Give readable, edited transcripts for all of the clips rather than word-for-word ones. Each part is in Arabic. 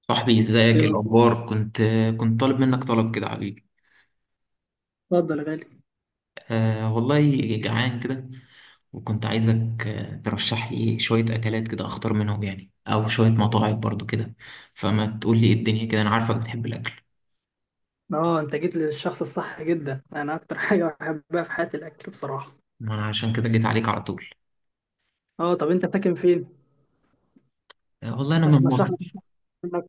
صاحبي ازيك؟ ايه ايه الأخبار؟ الاخبار؟ كنت طالب منك طلب كده يا حبيبي. اتفضل يا غالي. آه والله، جعان كده، وكنت عايزك ترشح لي شويه اكلات كده اختار منهم، يعني او شويه مطاعم برضو كده، فما تقول لي ايه الدنيا كده؟ انا عارفك بتحب الاكل. اه، انت جيت للشخص الصح جدا. انا اكتر حاجه بحبها في حياتي الاكل بصراحه. ما انا عشان كده جيت عليك على طول. اه، طب انت ساكن فين آه والله انا عشان من مصر. اشرح لك منك.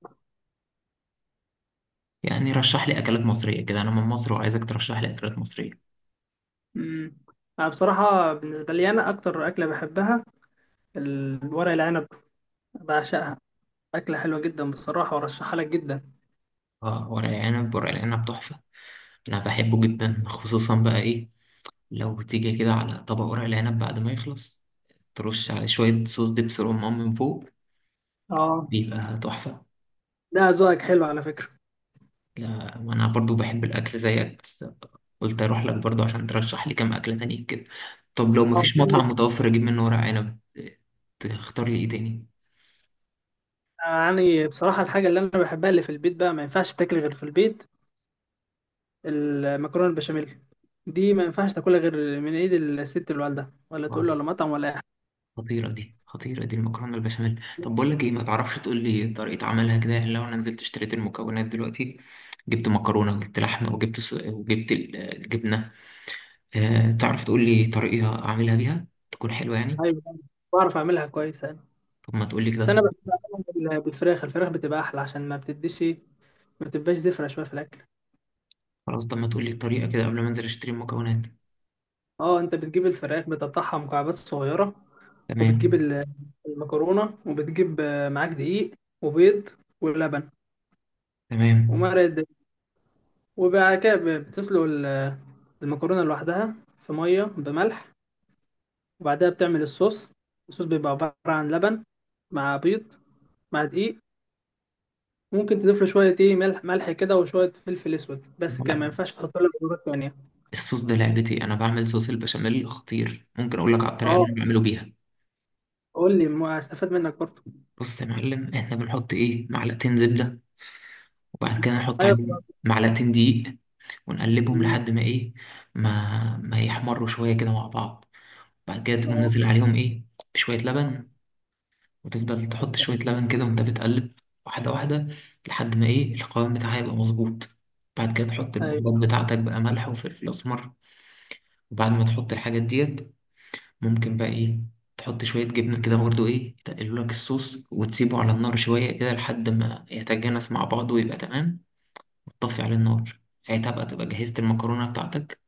يعني رشح لي اكلات مصريه كده، انا من مصر وعايزك ترشح لي اكلات مصريه. امم انا بصراحه بالنسبه لي انا اكتر اكله بحبها الورق العنب، بعشقها. اكله حلوه جدا بصراحه وارشحها لك جدا. اه، ورق العنب، ورق العنب تحفه، انا بحبه جدا. خصوصا بقى ايه، لو تيجي كده على طبق ورق العنب بعد ما يخلص ترش عليه شوية صوص دبس رمان من فوق، اه، بيبقى تحفة. ده ذوقك حلو على فكره. لا، وأنا برضو بحب الأكل زيك، بس قلت أروح لك برضو عشان ترشح لي كام أكلة تانية كده. طب لو مفيش اه، مطعم متوفر أجيب منه ورق عنب، تختار لي إيه تاني؟ يعني بصراحه الحاجه اللي انا بحبها اللي في البيت بقى ما ينفعش تاكل غير في البيت، المكرونه البشاميل. دي ما ينفعش تاكلها غير من ايد الست اللي والدها، ولا تقول آه، له ولا مطعم ولا اي حاجه. خطيرة دي، خطيرة دي المكرونة البشاميل. طب بقول لك إيه، ما تعرفش تقول لي طريقة عملها كده؟ يعني لو أنا نزلت اشتريت المكونات دلوقتي، جبت مكرونة وجبت لحمة وجبت الجبنة، آه، تعرف تقول لي طريقة أعملها بيها تكون حلوة يعني؟ ايوه، بعرف اعملها كويس انا. طب ما تقولي بس كده. انا بحب اعملها بالفراخ. الفراخ بتبقى احلى عشان ما بتديش ما بتبقاش زفره شويه في الاكل. خلاص، طب ما تقولي الطريقة كده قبل ما انزل اشتري المكونات. اه، انت بتجيب الفراخ بتقطعها مكعبات صغيره، وبتجيب تمام. المكرونه، وبتجيب معاك دقيق وبيض ولبن تمام. ومرقه دجاج. وبعد كده بتسلق المكرونه لوحدها في ميه بملح، وبعدها بتعمل الصوص. الصوص بيبقى عبارة عن لبن مع بيض مع دقيق. ممكن تضيف له شوية ملح ملح كده وشوية فلفل اسود، بس كده ما لا، ينفعش تحط له بهارات تانية. الصوص ده لعبتي، انا بعمل صوص البشاميل خطير، ممكن اقول لك على الطريقة اللي اه، انا بعمله بيها. قول لي ما استفاد منك برضه. بص يا معلم، احنا بنحط ايه، معلقتين زبدة، وبعد كده نحط ايوه. عليهم معلقتين دقيق، ونقلبهم مم. لحد ما ايه، ما يحمروا شوية كده مع بعض. بعد كده تقوم اه، نازل عليهم ايه، شوية لبن، وتفضل تحط شوية لبن كده وأنت بتقلب، واحدة واحدة، لحد ما إيه، القوام بتاعها يبقى مظبوط. بعد كده تحط ايوه البهارات بتاعتك بقى، ملح وفلفل أسمر. وبعد ما تحط الحاجات ديت، ممكن بقى إيه، تحط شوية جبنة كده برضو، إيه، يتقلوا لك الصوص، وتسيبه على النار شوية كده لحد ما يتجانس مع بعضه ويبقى تمام. وتطفي على النار ساعتها بقى، تبقى جهزت المكرونة بتاعتك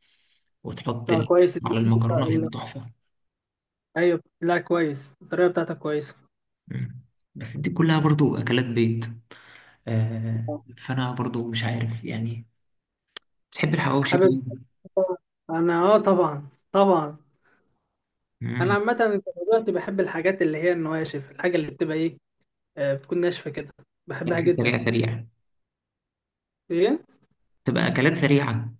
وتحط لا، كويس على التكنيك المكرونة، هيبقى تحفة. ايوه لا، كويس الطريقة بتاعتك كويسة. مم. بس دي كلها برضو أكلات بيت. آه، فأنا برضو مش عارف يعني، بتحب الحواوشي حابب، دي؟ انا اه طبعا طبعا. انا مم. عامة دلوقتي بحب الحاجات اللي هي النواشف، الحاجة اللي بتبقى ايه آه، بتكون ناشفة كده، بحبها أكل سريع جدا. سريع، ايه تبقى أكلات سريعة.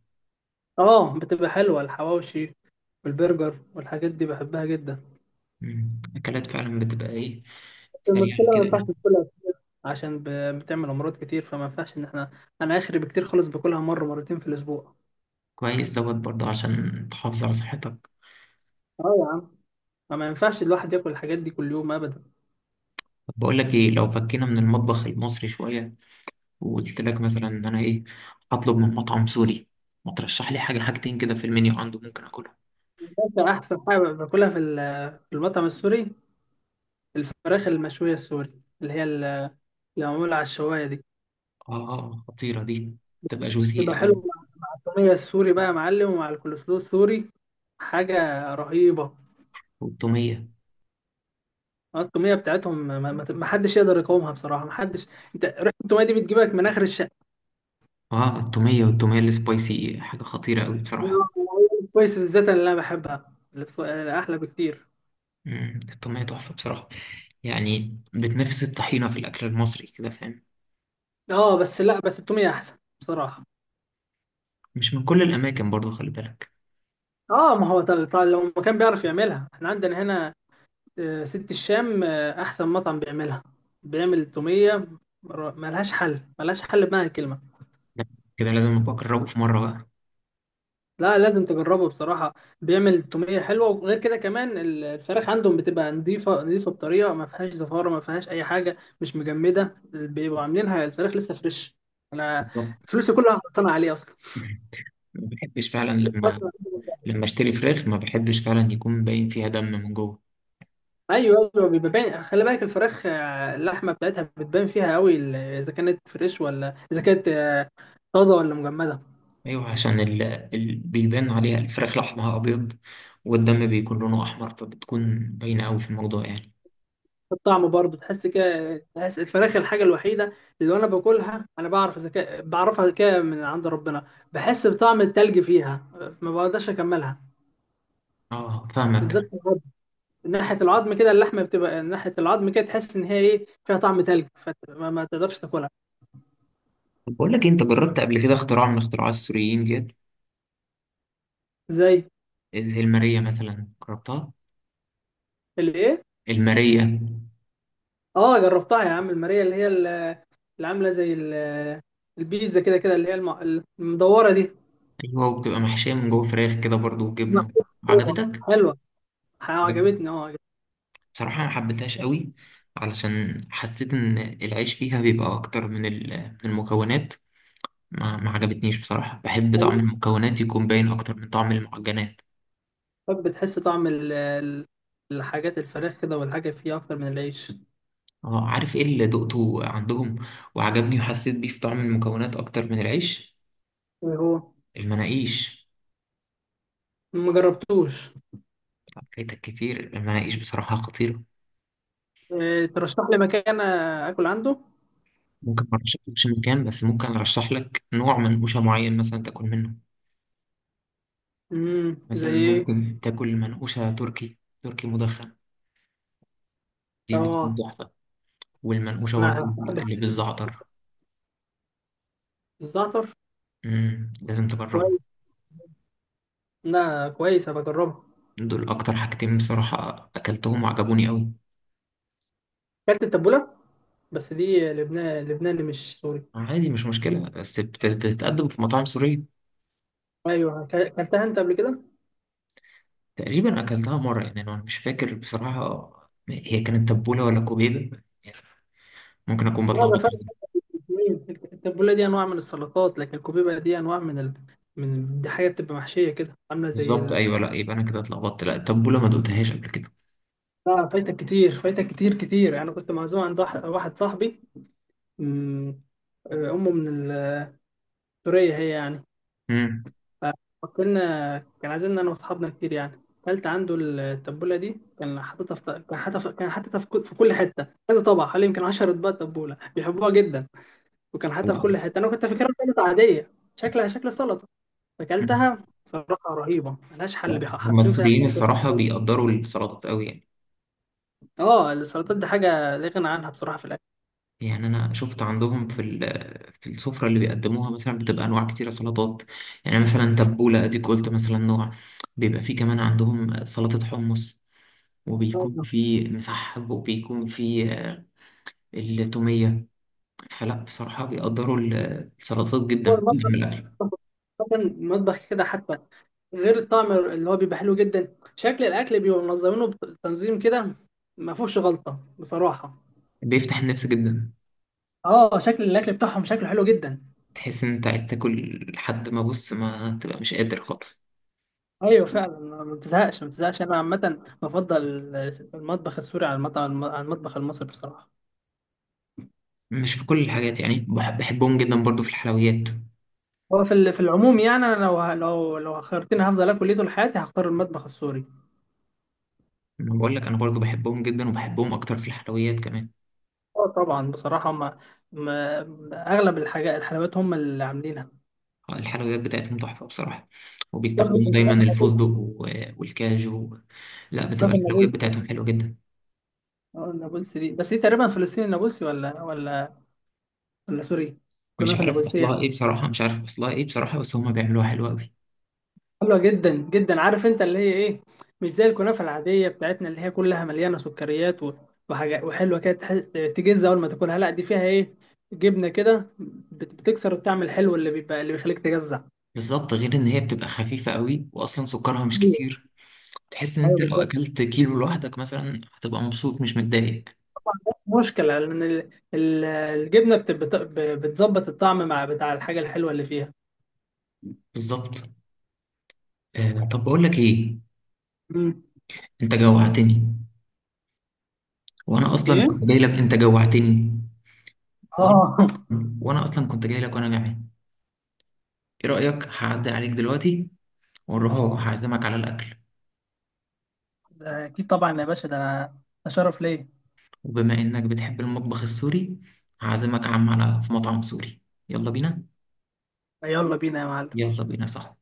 اه، بتبقى حلوة الحواوشي والبرجر والحاجات دي بحبها جدا. مم. أكلات فعلا بتبقى إيه، المشكلة سريعة ما كده. ينفعش تاكلها عشان بتعمل امراض كتير، فما ينفعش ان احنا، انا اخري بكتير خالص باكلها مره مرتين في الاسبوع. كويس دوت برضه عشان تحافظ على صحتك. اه يا عم، فما ينفعش الواحد ياكل الحاجات دي كل يوم ابدا. طب بقول لك إيه، لو فكينا من المطبخ المصري شوية، وقلت لك مثلا إن أنا إيه، هطلب من مطعم سوري، ما ترشح لي حاجة حاجتين كده في المنيو عنده ممكن أكلهم؟ ماشي، احسن حاجه باكلها في في المطعم السوري الفراخ المشويه السوري، اللي هي ال- اللي معموله على الشوايه دي. آه، آه، خطيرة دي، تبقى تبقى جوزي أوي. حلوه مع الطوميه السوري بقى يا معلم، ومع الكولسلو السوري. حاجه رهيبه. والتومية، الطوميه بتاعتهم ما حدش يقدر يقاومها بصراحه، ما حدش. انت ريحه الطوميه دي بتجيبك من اخر الشارع. آه، التومية والتومية السبايسي حاجة خطيرة أوي بصراحة. كويس، بالذات اللي انا بحبها احلى بكتير. مم، الطعمية تحفة بصراحة، يعني بتنافس الطحينة في الأكل المصري كده، فاهم؟ اه بس، لا بس التوميه احسن بصراحه. مش من كل الأماكن برضو خلي بالك. اه، ما هو لو ما كان بيعرف يعملها احنا عندنا هنا ست الشام، احسن مطعم بيعملها. بيعمل التوميه، ملهاش حل ملهاش حل بمعنى الكلمه. لا، كده لازم أبقى أجربه في مرة بقى. لا، لازم تجربه بصراحه. بيعمل التوميه حلوه، وغير كده كمان الفراخ عندهم بتبقى نظيفه نظيفه بطريقه ما فيهاش زفاره، ما فيهاش اي حاجه، مش مجمده. بيبقوا عاملينها الفراخ لسه فريش. انا بالظبط. فلوسي كلها هتصنع عليه اصلا ما بحبش فعلا لما، فترة. لما أشتري فراخ، ما بحبش فعلا يكون باين فيها دم من جوه. ايوه ايوه، بيبقى باين. خلي بالك، الفراخ اللحمه بتاعتها بتبان فيها قوي اذا كانت فريش ولا اذا كانت طازه ولا مجمده. أيوه، عشان بيبان عليها الفراخ، لحمها أبيض والدم بيكون لونه أحمر، فبتكون باينة أوي في الموضوع يعني. الطعم برضه تحس كده، تحس الفراخ الحاجه الوحيده اللي وانا باكلها، انا بعرف اذا كان، بعرفها كده من عند ربنا. بحس بطعم التلج فيها ما بقدرش اكملها، أه بالذات فاهمك. في العظم. من ناحيه العظم كده اللحمه بتبقى، من ناحيه العظم كده تحس ان هي ايه فيها طعم تلج، فما ما تقدرش تاكلها. طب بقول لك إيه، أنت جربت قبل كده اختراع من اختراعات السوريين ديت، زي زي المارية مثلا، جربتها؟ الايه؟ المارية. اه جربتها يا عم، الماريا اللي عامله زي البيتزا كده كده، اللي هي المدوره دي. ايوه، وبتبقى محشيه من جوه فراخ كده برضو وجبنه. محطوط جوه. عجبتك؟ حلوه، عجبتني عجبتك. اه، عجبتني. بصراحه ما حبيتهاش قوي، علشان حسيت ان العيش فيها بيبقى اكتر من من المكونات. ما عجبتنيش بصراحه، بحب طعم المكونات يكون باين اكتر من طعم المعجنات. طب بتحس طعم الحاجات الفراخ كده والحاجه فيها اكتر من العيش. اه، عارف ايه اللي دقته عندهم وعجبني وحسيت بيه في طعم المكونات اكتر من العيش؟ إيه هو؟ المناقيش. ما جربتوش. فايتك كتير المناقيش، بصراحه خطيره. إيه، ترشح لي مكان اكل عنده. ممكن ما ارشحلكش مكان، بس ممكن ارشح لك نوع منقوشه معين مثلا تاكل منه. زي مثلا ايه؟ ممكن تاكل منقوشة تركي، تركي مدخن، دي بتكون اه تحفة. والمنقوشة برضه انا بحب اللي بالزعتر. الزعتر. مم. لازم تجربها. كويس، لا كويس هبقى اجربها. دول أكتر حاجتين بصراحة أكلتهم وعجبوني أوي. اكلت التبوله، بس دي لبنان لبناني مش سوري. عادي، مش مشكلة، بس بتتقدم في مطاعم سورية. ايوه، اكلتها انت قبل كده؟ تقريبا أكلتها مرة، يعني أنا مش فاكر بصراحة، هي كانت تبولة ولا كوبيبة؟ ممكن أكون لا، ده بتلخبط. فرق كبير. التبوله دي انواع من السلطات، لكن الكوبيبه دي انواع من ال... دي حاجه بتبقى محشيه كده، عامله زي بالظبط ال... أيوه، لا يبقى أنا كده اتلخبطت، لا التبولة ما دقتهاش قبل كده. لا فايتك كتير، فايتك كتير كتير. انا كنت معزوم عند واحد صاحبي. أمم، امه من سوريا هي يعني. مم. فاكلنا كان عازمنا انا واصحابنا كتير يعني، اكلت عنده التبوله دي. كان حاططها في كان حاططها في كان حاططها في كل كل حته، كذا طبق، حوالي يمكن 10 اطباق تبوله بيحبوها جدا. وكان حتى في لا. كل حتة، أنا كنت فاكرها سلطة عادية، شكلها شكل سلطة. مم. فأكلتها صراحة رهيبة ملهاش حل، لا، هما حاطين فيها السوريين حاجتين. الصراحة بيقدروا السلطات أوي يعني. اه، السلطات دي حاجة لا غنى عنها بصراحة في الأكل. يعني انا شفت عندهم في في السفره اللي بيقدموها مثلا، بتبقى انواع كتيره سلطات. يعني مثلا تبوله اديك قلت مثلا نوع، بيبقى فيه كمان عندهم سلطه حمص، وبيكون فيه مسحب، وبيكون فيه التوميه، فلا بصراحه بيقدروا السلطات هو جدا في المطبخ، الاكل. مثلا المطبخ كده حتى غير الطعم اللي هو بيبقى حلو جدا، شكل الأكل بيبقوا منظمينه بتنظيم كده. ما فيهوش غلطة بصراحة. بيفتح النفس جدا. اه، شكل الأكل بتاعهم شكله حلو جدا. تحس ان انت عايز تاكل لحد ما بص، ما تبقى مش قادر خالص. ايوه فعلا، ما بتزهقش ما بتزهقش. انا عامه بفضل المطبخ السوري على على المطبخ المصري بصراحه. مش في كل الحاجات يعني، بحبهم جدا برضو في الحلويات. هو في في العموم يعني، انا لو لو خيرتني هفضل اكل ايه طول حياتي هختار المطبخ السوري. ما بقول لك انا برضو بحبهم جدا، وبحبهم اكتر في الحلويات كمان. اه طبعا بصراحه اغلب الحاجات الحلويات هم اللي عاملينها. آه، الحلويات بتاعتهم تحفة بصراحة، وبيستخدموا دايما الفراخ الفستق والكاجو. لا، بتبقى الحلويات النابلسي. بتاعتهم حلوة جدا. اه النابلسي دي، بس دي تقريبا فلسطيني النابلسي ولا سوري، مش الكنافه عارف النابلسيه. أصلها إيه بصراحة، مش عارف أصلها إيه بصراحة، بس هما بيعملوها حلوة أوي. حلوه جدا جدا. عارف انت اللي هي ايه، مش زي الكنافه العاديه بتاعتنا اللي هي كلها مليانه سكريات و وحاجات وحلوه كده تجز اول ما تاكلها. لا دي فيها ايه، جبنه كده بتكسر الطعم الحلو اللي بيبقى، اللي بيخليك تجزع. بالظبط، غير إن هي بتبقى خفيفة أوي وأصلا سكرها مش كتير. تحس إن أنت ايوه لو بالظبط، أكلت كيلو لوحدك مثلا هتبقى مبسوط مش متضايق. مشكله لان الجبنه بتظبط الطعم مع بتاع الحاجه الحلوه اللي فيها. بالظبط. آه طب بقول لك إيه، امم أنت جوعتني، وأنا أصلا كنت ايه جاي لك، أنت جوعتني. وأنا اه وأنا أصلا كنت جاي لك وأنا جعان. إيه رأيك هعدي عليك دلوقتي والربع، هعزمك على الأكل. ده اكيد طبعا يا باشا، ده انا اشرف ليه. وبما إنك بتحب المطبخ السوري، هعزمك يا عم على في مطعم سوري. يلا بينا. يلا بينا يا معلم. يلا بينا صح.